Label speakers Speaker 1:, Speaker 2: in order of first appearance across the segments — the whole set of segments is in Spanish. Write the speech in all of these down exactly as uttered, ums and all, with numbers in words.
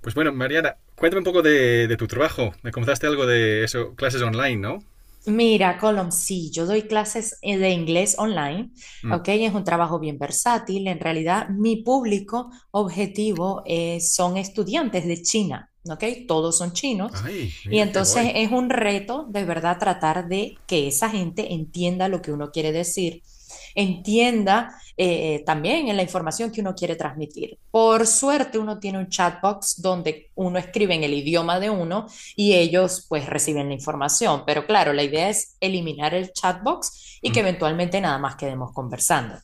Speaker 1: Pues bueno, Mariana, cuéntame un poco de, de tu trabajo. Me contaste algo de eso, clases online, ¿no?
Speaker 2: Mira, Colom, sí, yo doy clases eh, de inglés online,
Speaker 1: Mm.
Speaker 2: ¿ok? Es un trabajo bien versátil. En realidad, mi público objetivo eh, son estudiantes de China, ¿ok? Todos son chinos.
Speaker 1: Ay,
Speaker 2: Y
Speaker 1: mira, qué
Speaker 2: entonces
Speaker 1: guay.
Speaker 2: es un reto de verdad tratar de que esa gente entienda lo que uno quiere decir, entienda eh, eh, también en la información que uno quiere transmitir. Por suerte, uno tiene un chatbox donde uno escribe en el idioma de uno y ellos pues reciben la información. Pero claro, la idea es eliminar el chatbox y que
Speaker 1: Mm,
Speaker 2: eventualmente nada más quedemos conversando.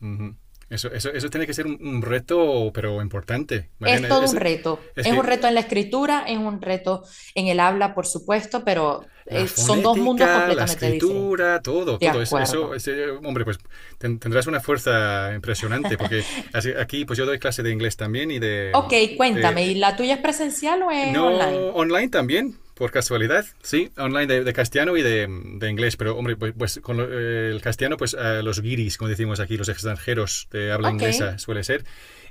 Speaker 1: mhm. Eso, eso, eso tiene que ser un, un reto, pero importante,
Speaker 2: Es
Speaker 1: Mariana.
Speaker 2: todo un
Speaker 1: Es,
Speaker 2: reto,
Speaker 1: es
Speaker 2: es un reto
Speaker 1: que
Speaker 2: en la escritura, es un reto en el habla, por supuesto, pero
Speaker 1: la
Speaker 2: eh, son dos mundos
Speaker 1: fonética, la
Speaker 2: completamente diferentes.
Speaker 1: escritura, todo,
Speaker 2: De
Speaker 1: todo. Es- Eso,
Speaker 2: acuerdo.
Speaker 1: es, eh, hombre, pues ten- tendrás una fuerza impresionante, porque así- aquí pues yo doy clase de inglés también y de,
Speaker 2: Ok, cuéntame, ¿y
Speaker 1: de
Speaker 2: la tuya es presencial o es
Speaker 1: No,
Speaker 2: online?
Speaker 1: online también, por casualidad, sí, online de, de castellano y de, de inglés, pero hombre, pues, pues con lo- eh, el castellano, pues eh, los guiris, como decimos aquí, los extranjeros de habla
Speaker 2: Ok.
Speaker 1: inglesa suele ser,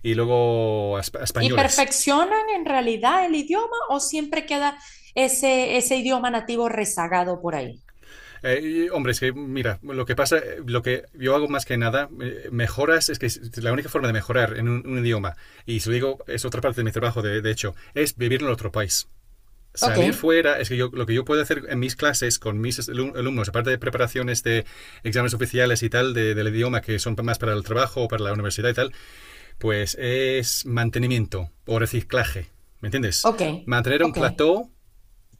Speaker 1: y luego a, a
Speaker 2: ¿Y
Speaker 1: españoles.
Speaker 2: perfeccionan en realidad el idioma o siempre queda ese, ese idioma nativo rezagado por ahí?
Speaker 1: Eh, hombre, es que mira, lo que pasa, eh, lo que yo hago más que nada, eh, mejoras, es que la única forma de mejorar en un, un idioma, y se lo digo, es otra parte de mi trabajo, de, de hecho, es vivir en otro país.
Speaker 2: Ok,
Speaker 1: Salir fuera, es que yo, lo que yo puedo hacer en mis clases con mis alumnos, aparte de preparaciones de exámenes oficiales y tal, de, del idioma que son más para el trabajo o para la universidad y tal, pues es mantenimiento o reciclaje, ¿me entiendes?
Speaker 2: ok,
Speaker 1: Mantener un
Speaker 2: ok.
Speaker 1: plató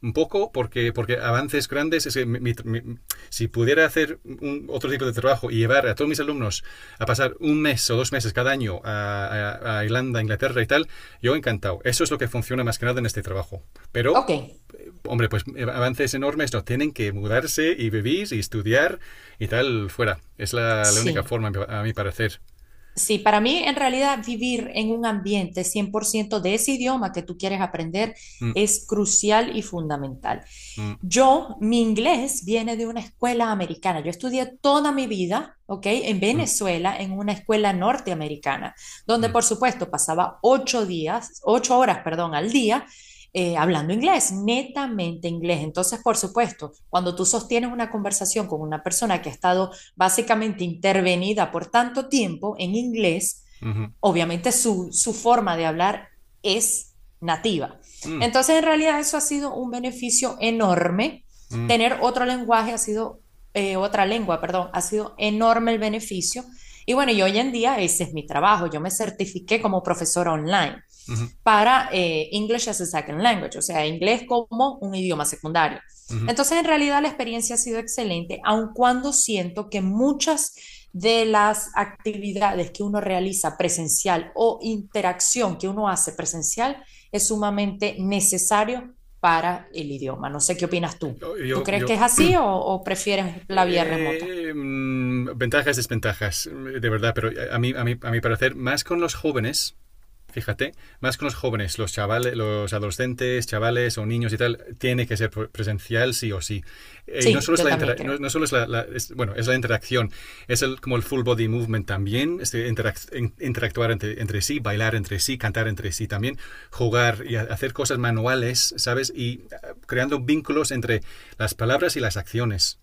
Speaker 1: un poco porque, porque avances grandes, es que mi, mi, si pudiera hacer un, otro tipo de trabajo y llevar a todos mis alumnos a pasar un mes o dos meses cada año a, a, a Irlanda, Inglaterra y tal, yo encantado. Eso es lo que funciona más que nada en este trabajo. Pero
Speaker 2: Ok,
Speaker 1: hombre, pues eh, avances enormes, no, tienen que mudarse y vivir y estudiar y tal, fuera. Es la, la única
Speaker 2: sí.
Speaker 1: forma, a mi parecer.
Speaker 2: Sí, para mí en realidad vivir en un ambiente cien por ciento de ese idioma que tú quieres aprender
Speaker 1: Mm,
Speaker 2: es crucial y fundamental.
Speaker 1: mm,
Speaker 2: Yo, mi inglés viene de una escuela americana. Yo estudié toda mi vida, ¿ok? En
Speaker 1: mm,
Speaker 2: Venezuela, en una escuela norteamericana, donde
Speaker 1: mm,
Speaker 2: por supuesto pasaba ocho días, ocho horas, perdón, al día eh, hablando inglés, netamente inglés. Entonces, por supuesto, cuando tú sostienes una conversación con una persona que ha estado básicamente intervenida por tanto tiempo en inglés,
Speaker 1: mm,
Speaker 2: obviamente su, su forma de hablar es nativa.
Speaker 1: mm,
Speaker 2: Entonces, en realidad eso ha sido un beneficio enorme.
Speaker 1: mm,
Speaker 2: Tener otro lenguaje ha sido, eh, otra lengua, perdón, ha sido enorme el beneficio. Y bueno, y hoy en día ese es mi trabajo. Yo me certifiqué como profesora online
Speaker 1: mm,
Speaker 2: para eh, English as a Second Language, o sea, inglés como un idioma secundario.
Speaker 1: mm.
Speaker 2: Entonces, en realidad la experiencia ha sido excelente, aun cuando siento que muchas de las actividades que uno realiza presencial o interacción que uno hace presencial es sumamente necesario para el idioma. No sé qué opinas tú.
Speaker 1: Yo,
Speaker 2: ¿Tú
Speaker 1: yo,
Speaker 2: crees que
Speaker 1: yo.
Speaker 2: es así o, o prefieres la vía remota?
Speaker 1: Eh, mm, ventajas, desventajas, de verdad, pero a mí, a, mí, a mi parecer, más con los jóvenes. Fíjate, más con los jóvenes, los chavales, los adolescentes, chavales o niños y tal, tiene que ser presencial sí o sí. Eh, Y no
Speaker 2: Sí,
Speaker 1: solo es
Speaker 2: yo
Speaker 1: la
Speaker 2: también
Speaker 1: interacción, no,
Speaker 2: creo.
Speaker 1: no, solo es la, la es, bueno, es la interacción, es el, como el full body movement también, este, interac interactuar entre, entre, sí, bailar entre sí, cantar entre sí también, jugar y hacer cosas manuales, ¿sabes? Y eh, creando vínculos entre las palabras y las acciones,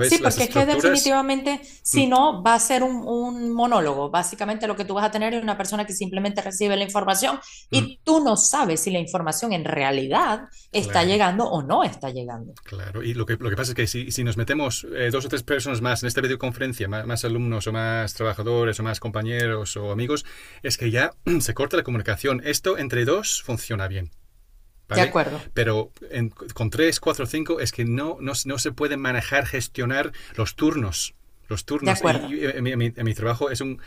Speaker 2: Sí,
Speaker 1: Las
Speaker 2: porque es que
Speaker 1: estructuras.
Speaker 2: definitivamente,
Speaker 1: Mm,
Speaker 2: si no, va a ser un, un monólogo. Básicamente lo que tú vas a tener es una persona que simplemente recibe la información
Speaker 1: mm,
Speaker 2: y tú no sabes si la información en realidad está
Speaker 1: claro.
Speaker 2: llegando o no está llegando.
Speaker 1: Claro, y lo que, lo que pasa es que si, si nos metemos eh, dos o tres personas más en esta videoconferencia, más, más, alumnos o más trabajadores o más compañeros o amigos, es que ya se corta la comunicación. Esto entre dos funciona bien,
Speaker 2: De
Speaker 1: ¿vale?
Speaker 2: acuerdo,
Speaker 1: Pero en, con tres, cuatro, cinco es que no, no, no se pueden manejar, gestionar los turnos los
Speaker 2: de
Speaker 1: turnos. Y,
Speaker 2: acuerdo.
Speaker 1: y en, mi, en, mi, trabajo es un,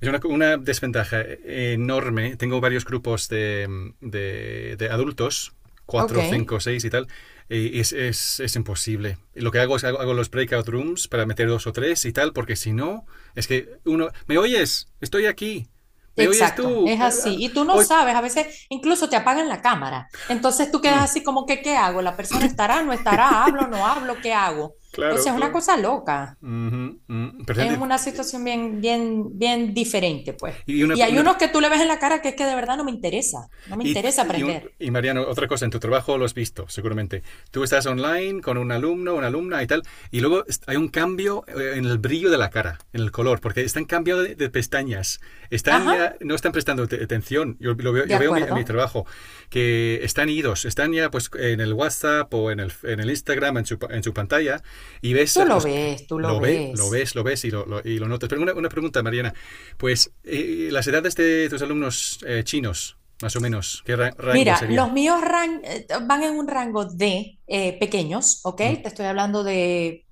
Speaker 1: es una, una desventaja enorme. Tengo varios grupos de, de, de adultos,
Speaker 2: Ok,
Speaker 1: cuatro cinco seis y tal, y es, es, es imposible. Lo que hago es hago, hago los breakout rooms para meter dos o tres y tal, porque si no, es que uno, ¿me oyes? Estoy aquí. ¿Me oyes
Speaker 2: exacto,
Speaker 1: tú?
Speaker 2: es
Speaker 1: Eh, ah,
Speaker 2: así. Y tú no
Speaker 1: hoy...
Speaker 2: sabes, a veces incluso te apagan la cámara. Entonces tú
Speaker 1: Mm,
Speaker 2: quedas así como que, ¿qué hago? ¿La persona estará, no estará? ¿Hablo, no hablo? ¿Qué hago? O
Speaker 1: claro,
Speaker 2: sea, es una
Speaker 1: claro.
Speaker 2: cosa loca.
Speaker 1: Ujú, mm. Pero,
Speaker 2: Es una situación bien, bien, bien diferente, pues.
Speaker 1: y una,
Speaker 2: Y hay
Speaker 1: una-
Speaker 2: unos que tú le ves en la cara que es que de verdad no me interesa, no me
Speaker 1: Y,
Speaker 2: interesa
Speaker 1: y,
Speaker 2: aprender.
Speaker 1: y, Mariano, otra cosa, en tu trabajo lo has visto, seguramente. Tú estás online con un alumno, una alumna y tal, y luego hay un cambio eh, en el brillo de la cara, en el color, porque están cambiando de, de pestañas. Están ya,
Speaker 2: Ajá,
Speaker 1: no están prestando atención. Yo, lo veo,
Speaker 2: de
Speaker 1: yo veo mi- en mi
Speaker 2: acuerdo.
Speaker 1: trabajo que están idos, están ya pues en el WhatsApp o en el, en el Instagram, en su, en su pantalla, y ves
Speaker 2: Tú lo
Speaker 1: los
Speaker 2: ves, tú lo
Speaker 1: lo ve, lo
Speaker 2: ves.
Speaker 1: ves, lo ves y lo, lo- y lo notas. Pero una, una pregunta, Mariana. Pues, eh, ¿las edades de tus alumnos eh, chinos, más o menos? ¿Qué ra- rango
Speaker 2: Mira,
Speaker 1: sería?
Speaker 2: los míos ran- eh, van en un rango de eh, pequeños, ¿ok?
Speaker 1: Mm.
Speaker 2: Te estoy hablando de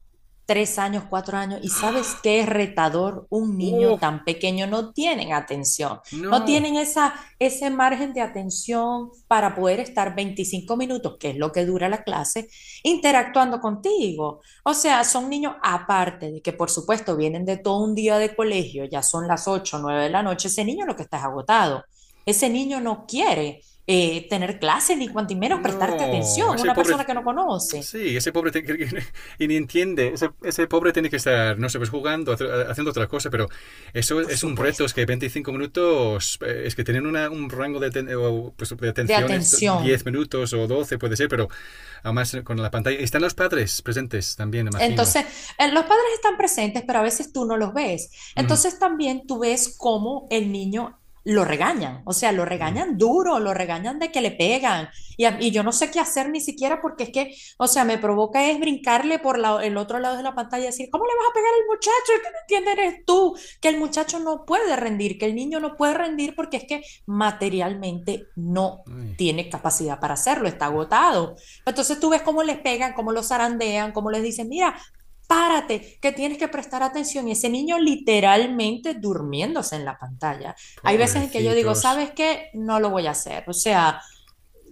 Speaker 2: tres años, cuatro años, y sabes qué es retador un niño
Speaker 1: ¡Oh!
Speaker 2: tan pequeño, no tienen atención, no
Speaker 1: No,
Speaker 2: tienen esa, ese margen de atención para poder estar veinticinco minutos, que es lo que dura la clase, interactuando contigo. O sea, son niños aparte de que, por supuesto, vienen de todo un día de colegio, ya son las ocho nueve de la noche, ese niño lo que está es agotado, ese niño no quiere eh, tener clases ni cuanto menos prestarte
Speaker 1: no.
Speaker 2: atención,
Speaker 1: Ese
Speaker 2: una
Speaker 1: pobre,
Speaker 2: persona que no conoce,
Speaker 1: sí, ese pobre te- y ni entiende. Ese, ese pobre tiene que estar, no sé, pues jugando, haciendo otra cosa, pero eso
Speaker 2: por
Speaker 1: es un reto. Es
Speaker 2: supuesto.
Speaker 1: que veinticinco minutos, eh, es que tienen una- un rango de, aten- o, pues, de
Speaker 2: De
Speaker 1: atención, es
Speaker 2: atención.
Speaker 1: diez minutos o doce puede ser, pero además con la pantalla. Están los padres presentes también, imagino.
Speaker 2: Entonces, eh, los padres están presentes, pero a veces tú no los ves.
Speaker 1: Mm,
Speaker 2: Entonces también tú ves cómo el niño lo regañan, o sea, lo
Speaker 1: mm.
Speaker 2: regañan duro, lo regañan de que le pegan. Y, a- y yo no sé qué hacer ni siquiera porque es que, o sea, me provoca es brincarle por la- el otro lado de la pantalla y decir, ¿cómo le vas a pegar al muchacho? ¿Qué no entiendes eres tú? Que el muchacho no puede rendir, que el niño no puede rendir porque es que materialmente no tiene capacidad para hacerlo, está
Speaker 1: Ay,
Speaker 2: agotado. Entonces tú ves cómo les pegan, cómo los zarandean, cómo les dicen, mira, párate, que tienes que prestar atención. Y ese niño literalmente durmiéndose en la pantalla. Hay veces en que yo digo,
Speaker 1: pobrecitos.
Speaker 2: ¿sabes qué? No lo voy a hacer. O sea,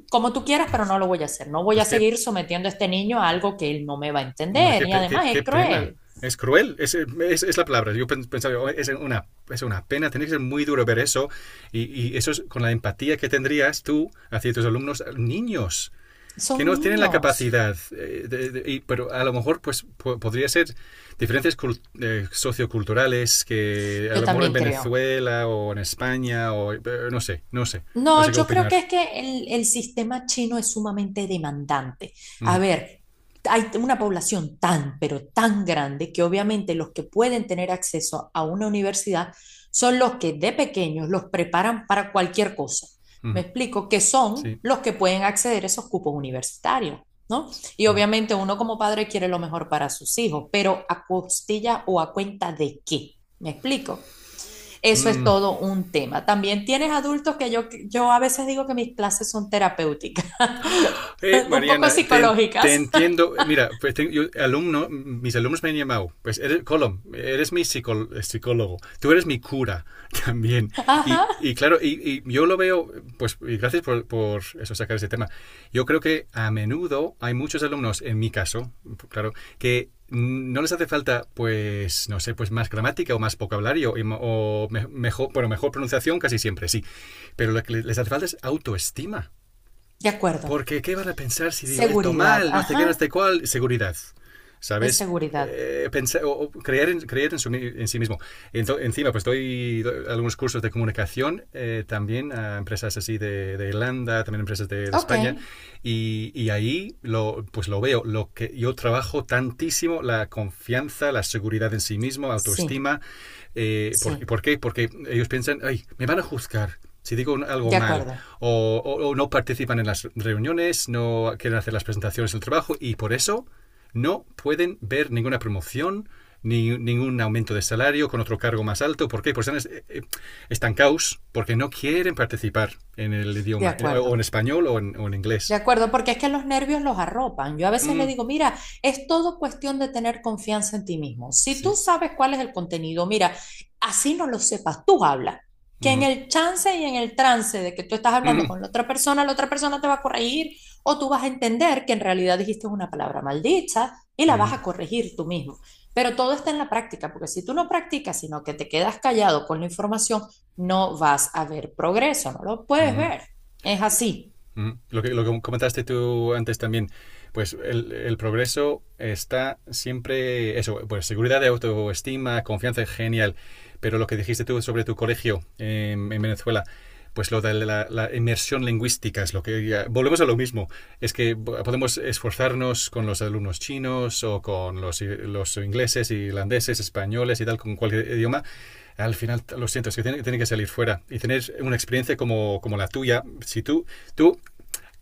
Speaker 2: como tú quieras, pero no lo voy a hacer. No voy a
Speaker 1: Pues qué,
Speaker 2: seguir sometiendo a este niño a algo que él no me va a
Speaker 1: hombre,
Speaker 2: entender.
Speaker 1: qué,
Speaker 2: Y
Speaker 1: qué,
Speaker 2: además
Speaker 1: qué
Speaker 2: es
Speaker 1: pena.
Speaker 2: cruel.
Speaker 1: Es cruel, es, es, es la palabra. Yo pensaba, "Oh, es una, es una pena, tiene que ser muy duro ver eso. Y, y eso es con la empatía que tendrías tú hacia tus alumnos, niños, que
Speaker 2: Son
Speaker 1: no tienen la
Speaker 2: niños.
Speaker 1: capacidad. Eh, de- de- y- pero a lo mejor pues po- podría ser diferencias cul- eh, socioculturales que a
Speaker 2: Yo
Speaker 1: lo mejor en
Speaker 2: también creo.
Speaker 1: Venezuela o en España o eh, no sé, no sé, no sé
Speaker 2: No,
Speaker 1: qué
Speaker 2: yo creo
Speaker 1: opinar.
Speaker 2: que es que el, el sistema chino es sumamente demandante. A
Speaker 1: Ujú,
Speaker 2: ver, hay una población tan, pero tan grande que obviamente los que pueden tener acceso a una universidad son los que de pequeños los preparan para cualquier cosa. Me
Speaker 1: ujú,
Speaker 2: explico, que son
Speaker 1: sí.
Speaker 2: los que pueden acceder a esos cupos universitarios, ¿no? Y
Speaker 1: Mm.
Speaker 2: obviamente uno como padre quiere lo mejor para sus hijos, pero a costilla o a cuenta de qué, ¿me explico? Eso es
Speaker 1: Mm.
Speaker 2: todo un tema. También tienes adultos que yo, yo a veces digo que mis clases son terapéuticas,
Speaker 1: Eh,
Speaker 2: un poco
Speaker 1: Mariana, te, entiendo. Te
Speaker 2: psicológicas.
Speaker 1: entiendo. Mira, pues tengo- yo, alumno, mis alumnos me han llamado. Pues eres, Colom, eres mi psicol- psicólogo. Tú eres mi cura también.
Speaker 2: Ajá,
Speaker 1: Y, y claro, y, y yo lo veo, pues y gracias por, por eso sacar ese tema. Yo creo que a menudo hay muchos alumnos, en mi caso, claro, que no les hace falta, pues, no sé, pues más gramática o más vocabulario y o mejor, bueno, mejor pronunciación casi siempre, sí. Pero lo que les hace falta es autoestima.
Speaker 2: de acuerdo.
Speaker 1: Porque, ¿qué van a pensar si digo esto
Speaker 2: Seguridad,
Speaker 1: mal? No sé qué, no
Speaker 2: ajá,
Speaker 1: sé cuál. Seguridad.
Speaker 2: es
Speaker 1: ¿Sabes?
Speaker 2: seguridad.
Speaker 1: Eh, pensar, o, o creer, en, creer en, su, en sí mismo. Ento- encima, pues doy, doy algunos cursos de comunicación eh, también a empresas así de, de Irlanda, también empresas de, de
Speaker 2: Ok,
Speaker 1: España, y, y ahí lo, pues lo veo. Lo que yo trabajo tantísimo la confianza, la seguridad en sí mismo,
Speaker 2: sí,
Speaker 1: autoestima. Eh, ¿por, qué-
Speaker 2: sí,
Speaker 1: ¿Por qué? Porque ellos piensan, ay, me van a juzgar, si digo algo
Speaker 2: de
Speaker 1: mal
Speaker 2: acuerdo,
Speaker 1: o, o- o no participan en las reuniones, no quieren hacer las presentaciones del trabajo y por eso no pueden ver ninguna promoción, ni, ningún aumento de salario con otro cargo más alto. ¿Por qué? Pues están eh, eh, estancados porque no quieren participar en el
Speaker 2: de
Speaker 1: idioma, eh, o en
Speaker 2: acuerdo.
Speaker 1: español o en, o en
Speaker 2: De
Speaker 1: inglés.
Speaker 2: acuerdo, porque es que los nervios los arropan. Yo a veces le
Speaker 1: Mm,
Speaker 2: digo, mira, es todo cuestión de tener confianza en ti mismo. Si tú
Speaker 1: sí.
Speaker 2: sabes cuál es el contenido, mira, así no lo sepas, tú habla. Que en
Speaker 1: Mm,
Speaker 2: el chance y en el trance de que tú estás hablando
Speaker 1: mm,
Speaker 2: con la otra persona, la otra persona te va a corregir o tú vas a entender que en realidad dijiste una palabra maldicha y la
Speaker 1: mm,
Speaker 2: vas
Speaker 1: mm.
Speaker 2: a corregir tú mismo. Pero todo está en la práctica, porque si tú no practicas, sino que te quedas callado con la información, no vas a ver progreso, no lo puedes
Speaker 1: Mm.
Speaker 2: ver. Es así.
Speaker 1: Mm, lo que, lo que comentaste tú antes también, pues el, el progreso está siempre, eso, pues seguridad autoestima, confianza, genial. Pero lo que dijiste tú sobre tu colegio en, en Venezuela, pues lo de la, la, inmersión lingüística es lo que ya, volvemos a lo mismo es que podemos esforzarnos con los alumnos chinos o con los, los ingleses irlandeses españoles y tal con cualquier idioma al final lo siento es que tiene, tiene que salir fuera y tener una experiencia como, como la tuya si tú tú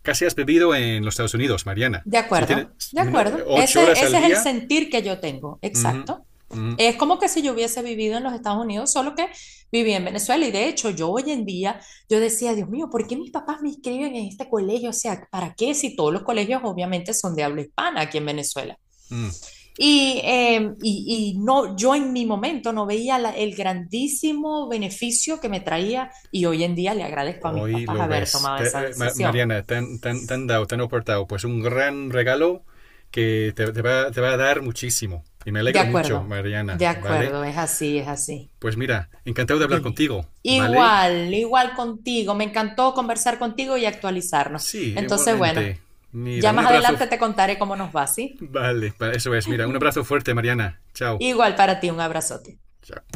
Speaker 1: casi has vivido en los Estados Unidos, Mariana.
Speaker 2: De
Speaker 1: Si tienes
Speaker 2: acuerdo, de
Speaker 1: ¿no?
Speaker 2: acuerdo.
Speaker 1: ocho
Speaker 2: Ese,
Speaker 1: horas al
Speaker 2: ese es el
Speaker 1: día,
Speaker 2: sentir que yo tengo,
Speaker 1: ujú,
Speaker 2: exacto.
Speaker 1: ujú,
Speaker 2: Es como que si yo hubiese vivido en los Estados Unidos, solo que viví en Venezuela. Y de hecho, yo hoy en día, yo decía, Dios mío, ¿por qué mis papás me inscriben en este colegio? O sea, ¿para qué? Si todos los colegios obviamente son de habla hispana aquí en Venezuela.
Speaker 1: ujú.
Speaker 2: Y, eh, y, y no, yo en mi momento no veía la- el grandísimo beneficio que me traía y hoy en día le agradezco a mis
Speaker 1: Hoy
Speaker 2: papás
Speaker 1: lo
Speaker 2: haber
Speaker 1: ves.
Speaker 2: tomado esa
Speaker 1: Te- eh,
Speaker 2: decisión.
Speaker 1: Mariana, tan, tan, tan dado, tan aportado, pues un gran regalo que te, te va, te va a dar muchísimo. Y me
Speaker 2: De
Speaker 1: alegro mucho,
Speaker 2: acuerdo,
Speaker 1: Mariana,
Speaker 2: de
Speaker 1: ¿vale?
Speaker 2: acuerdo, es así, es así.
Speaker 1: Pues mira, encantado de hablar
Speaker 2: Dime.
Speaker 1: contigo, ¿vale?
Speaker 2: Igual, igual contigo. Me encantó conversar contigo y actualizarnos.
Speaker 1: Sí,
Speaker 2: Entonces, bueno,
Speaker 1: igualmente.
Speaker 2: ya
Speaker 1: Mira, un
Speaker 2: más
Speaker 1: abrazo.
Speaker 2: adelante te contaré cómo nos va, ¿sí?
Speaker 1: Vale, eso es. Mira, un abrazo fuerte, Mariana. Chao.
Speaker 2: Igual para ti, un abrazote.
Speaker 1: Chao.